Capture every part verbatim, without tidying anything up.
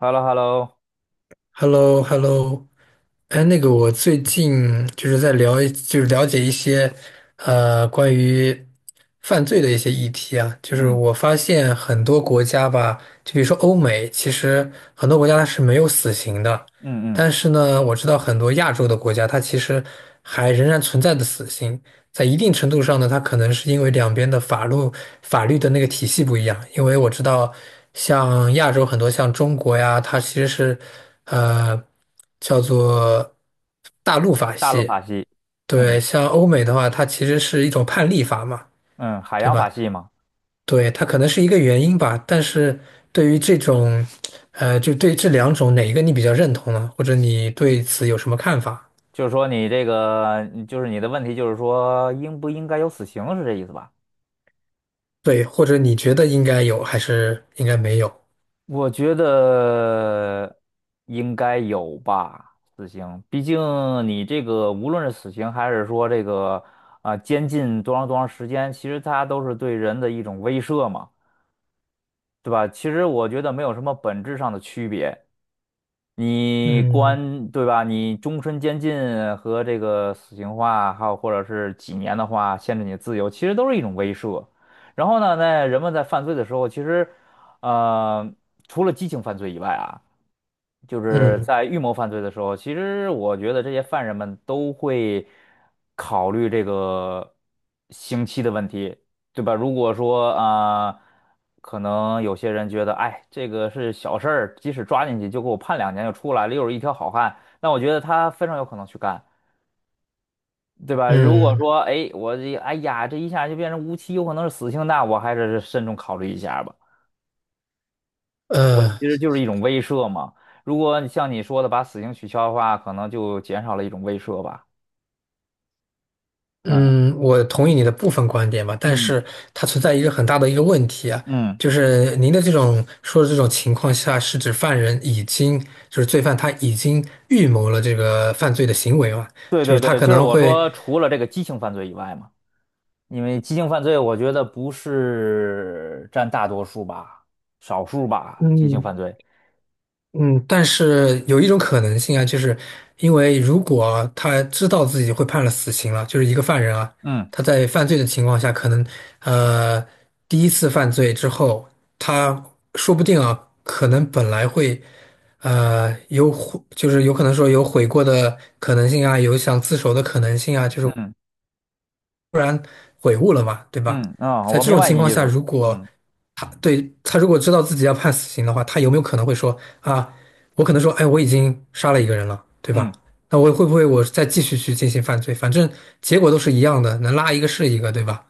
h e l l o h e l l o h e l l o h e l l o 哎，那个，我最近就是在聊一就是了解一些，呃，关于犯罪的一些议题啊。就是嗯我发现很多国家吧，就比如说欧美，其实很多国家它是没有死刑的，嗯嗯，但是呢，我知道很多亚洲的国家，它其实还仍然存在的死刑。在一定程度上呢，它可能是因为两边的法律法律的那个体系不一样。因为我知道，像亚洲很多像中国呀，它其实是呃叫做大陆法大陆系。法系，嗯对，像欧美的话，它其实是一种判例法嘛，嗯，海对洋法吧？系嘛。对，它可能是一个原因吧。但是对于这种呃，就对这两种哪一个你比较认同呢？或者你对此有什么看法？就是说你这个，你就是你的问题，就是说应不应该有死刑，是这意思吧？对，或者你觉得应该有还是应该没有？我觉得应该有吧，死刑，毕竟你这个无论是死刑还是说这个啊、监禁多长多长时间，其实它都是对人的一种威慑嘛，对吧？其实我觉得没有什么本质上的区别。你嗯。关，对吧？你终身监禁和这个死刑化，还有或者是几年的话，限制你的自由，其实都是一种威慑。然后呢，在人们在犯罪的时候，其实，呃，除了激情犯罪以外啊。就是嗯在预谋犯罪的时候，其实我觉得这些犯人们都会考虑这个刑期的问题，对吧？如果说啊、呃可能有些人觉得，哎，这个是小事儿，即使抓进去就给我判两年就出来了，又是一条好汉，那我觉得他非常有可能去干，对吧？如果嗯，说，哎，我这，哎呀，这一下就变成无期，有可能是死刑，那我还是慎重考虑一下吧。呃其实就是一种威慑嘛。如果你像你说的把死刑取消的话，可能就减少了一种威慑吧。嗯嗯，我同意你的部分观点吧，但嗯是它存在一个很大的一个问题啊，嗯，就是您的这种说的这种情况下，是指犯人已经就是罪犯他已经预谋了这个犯罪的行为嘛，对就对是他对，可就是能我会。说除了这个激情犯罪以外嘛，因为激情犯罪我觉得不是占大多数吧，少数吧，激情嗯。犯罪。嗯，但是有一种可能性啊，就是因为如果他知道自己会判了死刑了，就是一个犯人啊，嗯他在犯罪的情况下，可能呃第一次犯罪之后，他说不定啊，可能本来会呃有悔，就是有可能说有悔过的可能性啊，有想自首的可能性啊，就是嗯悔悟了嘛，对吧？嗯啊，在我这明种白情你况意下，思。如果嗯对，他如果知道自己要判死刑的话，他有没有可能会说啊，我可能说，哎，我已经杀了一个人了，对吧？嗯。那我会不会我再继续去进行犯罪？反正结果都是一样的，能拉一个是一个，对吧？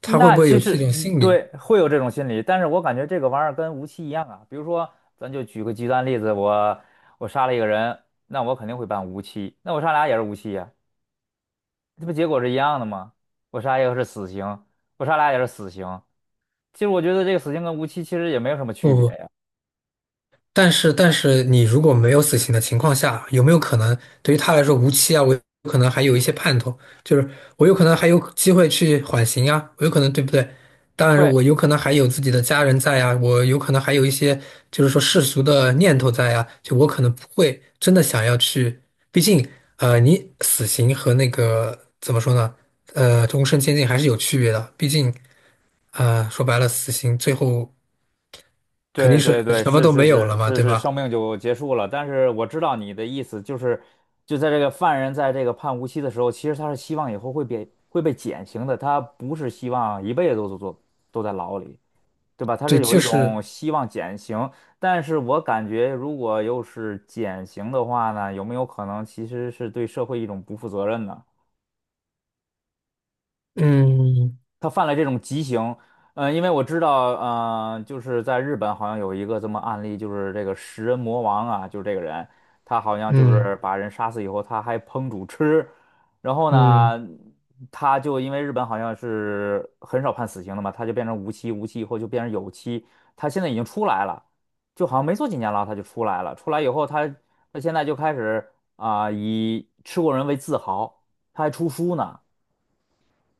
他会不那会有其这实，种嗯心理？对，会有这种心理，但是我感觉这个玩意儿跟无期一样啊。比如说，咱就举个极端例子，我我杀了一个人，那我肯定会判无期，那我杀俩也是无期呀、这不结果是一样的吗？我杀一个是死刑，我杀俩也是死刑。其实我觉得这个死刑跟无期其实也没有什么区不别不，呀。但是，但是你如果没有死刑的情况下，有没有可能对于他来说无期啊？我有可能还有一些盼头，就是我有可能还有机会去缓刑啊，我有可能对不对？当然，对。我有可能还有自己的家人在啊，我有可能还有一些就是说世俗的念头在啊，就我可能不会真的想要去，毕竟呃，你死刑和那个怎么说呢？呃，终身监禁还是有区别的，毕竟呃，说白了，死刑最后肯对定是对对，什么是都是没有了是嘛，是对是，吧？生命就结束了。但是我知道你的意思，就是就在这个犯人在这个判无期的时候，其实他是希望以后会被会被减刑的，他不是希望一辈子都都都都在牢里，对吧？他对，是有就一是，种希望减刑，但是我感觉如果又是减刑的话呢，有没有可能其实是对社会一种不负责任呢？嗯他犯了这种极刑，呃，因为我知道，呃，就是在日本好像有一个这么案例，就是这个食人魔王啊，就是这个人，他好像就嗯是把人杀死以后，他还烹煮吃，然后嗯呢，他就因为日本好像是很少判死刑的嘛，他就变成无期，无期以后就变成有期，他现在已经出来了，就好像没坐几年牢他就出来了，出来以后他他现在就开始啊、以吃过人为自豪，他还出书呢。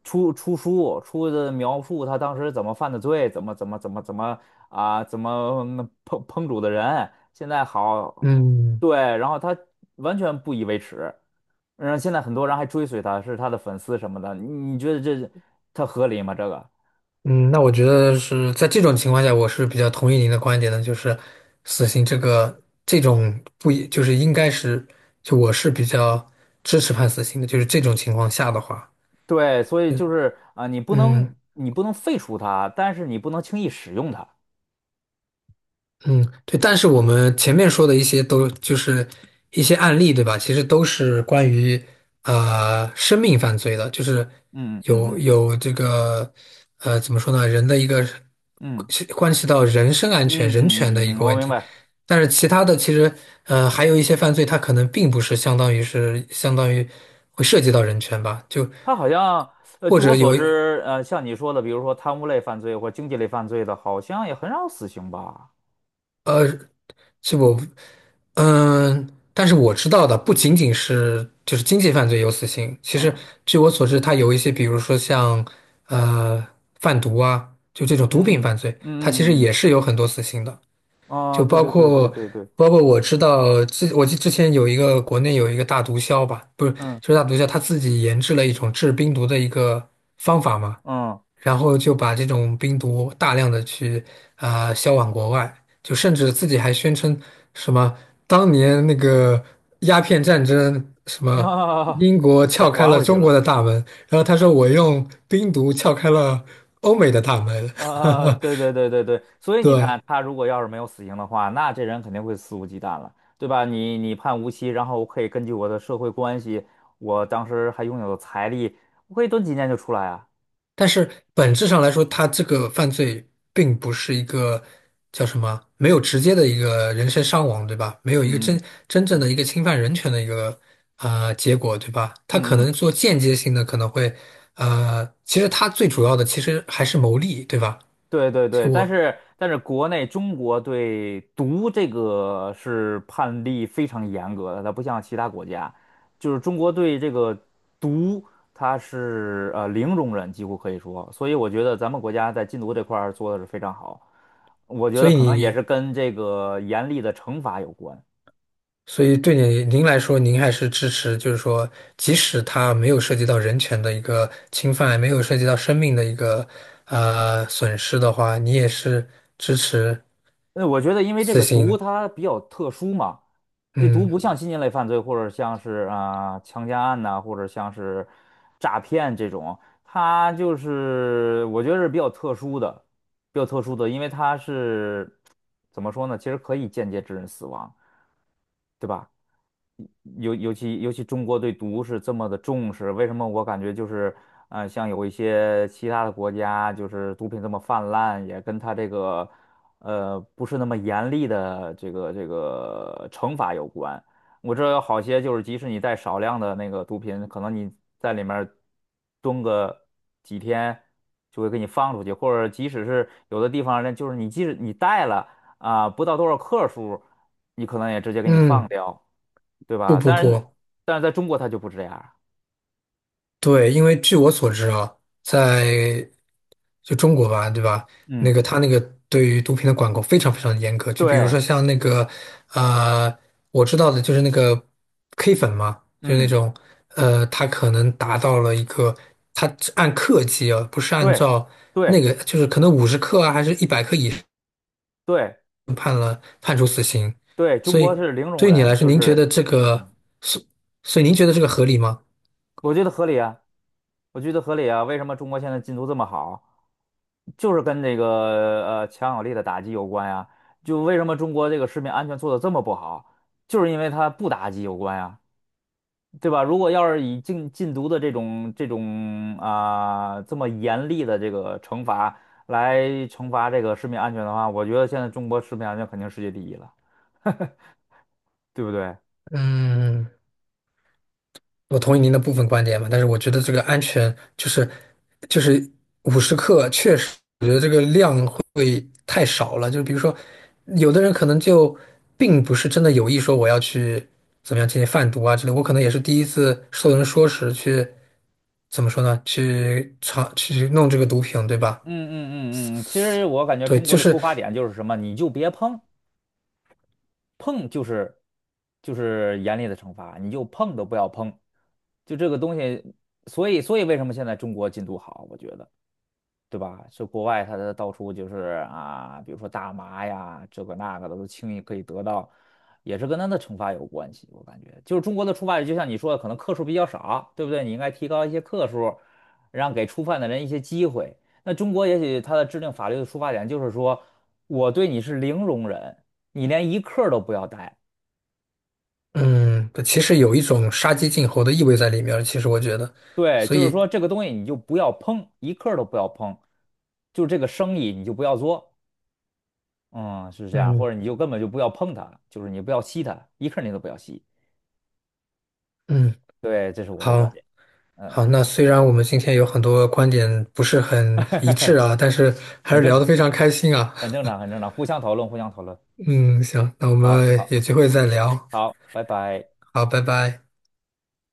出出书，出的描述他当时怎么犯的罪，怎么怎么怎么怎么啊，怎么嗯烹烹煮的人，现在好，嗯对，然后他完全不以为耻，然后现在很多人还追随他，是他的粉丝什么的，你你觉得这他合理吗？这个？嗯，那我觉得是在这种情况下，我是比较同意您的观点的，就是死刑这个这种不一就是应该是，就我是比较支持判死刑的，就是这种情况下的话，对，所以嗯就是啊，你不能嗯。你不能废除他，但是你不能轻易使用它。嗯，对，但是我们前面说的一些都就是一些案例，对吧？其实都是关于呃生命犯罪的，就是嗯嗯有嗯有这个呃怎么说呢，人的一个嗯关系到人身安全、嗯人嗯权的嗯一嗯嗯，个我问明题。白。但是其他的其实呃还有一些犯罪，它可能并不是相当于是相当于会涉及到人权吧，就他好像，呃，或据我者所有知，呃，像你说的，比如说贪污类犯罪或经济类犯罪的，好像也很少死刑吧？呃是我，嗯，但是我知道的不仅仅是就是经济犯罪有死刑，其实嗯据我所知，它有一些，比如说像呃贩毒啊，就这嗯种毒品嗯犯罪，嗯它其实嗯嗯也是有很多死刑的，嗯，啊，就对包对对对括对对，包括我知道之我记之前有一个国内有一个大毒枭吧，不是嗯就是大毒枭他自己研制了一种制冰毒的一个方法嘛。嗯，然后就把这种冰毒大量的去啊、销往国外，就甚至自己还宣称什么当年那个鸦片战争，什 么啊，英国又撬开还了回去中了。国的大门，然后他说我用冰毒撬开了欧美的大门，啊，对对对对对，所 以你对。看，他如果要是没有死刑的话，那这人肯定会肆无忌惮了，对吧？你你判无期，然后我可以根据我的社会关系，我当时还拥有财力，我可以蹲几年就出来啊。但是本质上来说，他这个犯罪并不是一个叫什么，没有直接的一个人身伤亡，对吧？没有一个嗯嗯真真正嗯的一个侵犯人权的一个啊结果，对吧？他可嗯嗯能做间接性的，可能会呃，其实他最主要的其实还是牟利，对吧？对对其实对，但我，是但是国内中国对毒这个是判例非常严格的，它不像其他国家，就是中国对这个毒它是呃零容忍，几乎可以说，所以我觉得咱们国家在禁毒这块儿做的是非常好，我觉所得以可能也是你。跟这个严厉的惩罚有关。所以对你您来说，您还是支持，就是说，即使它没有涉及到人权的一个侵犯，没有涉及到生命的一个呃损失的话，你也是支持呃，我觉得因为这死个毒刑。它比较特殊嘛，这毒不嗯像嗯新型类犯罪或者像是啊、强奸案呐、或者像是诈骗这种，它就是我觉得是比较特殊的，比较特殊的，因为它是怎么说呢？其实可以间接致人死亡，对吧？尤尤其尤其中国对毒是这么的重视，为什么我感觉就是，呃，像有一些其他的国家，就是毒品这么泛滥，也跟它这个，呃，不是那么严厉的这个这个惩罚有关。我知道有好些就是，即使你带少量的那个毒品，可能你在里面蹲个几天，就会给你放出去，或者即使是有的地方呢，就是你即使你带了啊，不到多少克数，你可能也直接给你放嗯，掉。对不吧？不但是，不。但是在中国它就不这样儿对，因为据我所知啊，在就中国吧，对吧？嗯那个他那个对于毒品的管控非常非常严格，就比如说对像那个呃，我知道的就是那个 K 粉嘛，就是那嗯种呃，他可能达到了一个，他按克计啊，不是按对照那对个，就是可能五十克啊，还是一百克以上对判处死刑。对，中所国以是零容对于你忍，来说，就您觉是得这个，所所以您觉得这个合理吗？我觉得合理啊，我觉得合理啊。为什么中国现在进度这么好，就是跟这个呃强有力的打击有关呀？就为什么中国这个食品安全做的这么不好，就是因为它不打击有关呀。对吧？如果要是以禁禁毒的这种这种啊、这么严厉的这个惩罚来惩罚这个食品安全的话，我觉得现在中国食品安全肯定世界第一了，对不对？嗯。我同意您的部分观点嘛，但是我觉得这个安全就是就是五十克，确实我觉得这个量会太少了。就比如说，有的人可能就并不是真的有意说我要去怎么样进行贩毒啊之类，我可能也是第一次受人说时去怎么说呢？去尝去弄这个毒品，对吧？嗯嗯嗯嗯，其实我感觉对，中国就的是出发点就是什么，你就别碰，碰就是就是严厉的惩罚，你就碰都不要碰，就这个东西，所以所以为什么现在中国禁毒好，我觉得。对吧？这国外他的到处就是啊，比如说大麻呀，这个那个的都轻易可以得到，也是跟他的惩罚有关系。我感觉，就是中国的触点，就像你说的，可能克数比较少，对不对？你应该提高一些克数，让给触犯的人一些机会。那中国也许它的制定法律的出发点就是说，我对你是零容忍，你连一克儿都不要带。嗯，其实有一种杀鸡儆猴的意味在里面儿其实我觉得，对，所就是以说这个东西你就不要碰，一克儿都不要碰，就这个生意你就不要做。嗯，是这样，嗯或者你就根本就不要碰它，就是你不要吸它，一刻你都不要吸。嗯，对，这是我的观好。点。嗯，好，那虽然我们今天有很多观点不是很一致 啊，但是还很是正聊得常，非常开心啊。很正常，很正常，互相讨论，互相讨论。嗯，行，那我好，们有好，机会再聊。好，拜拜。好，拜拜。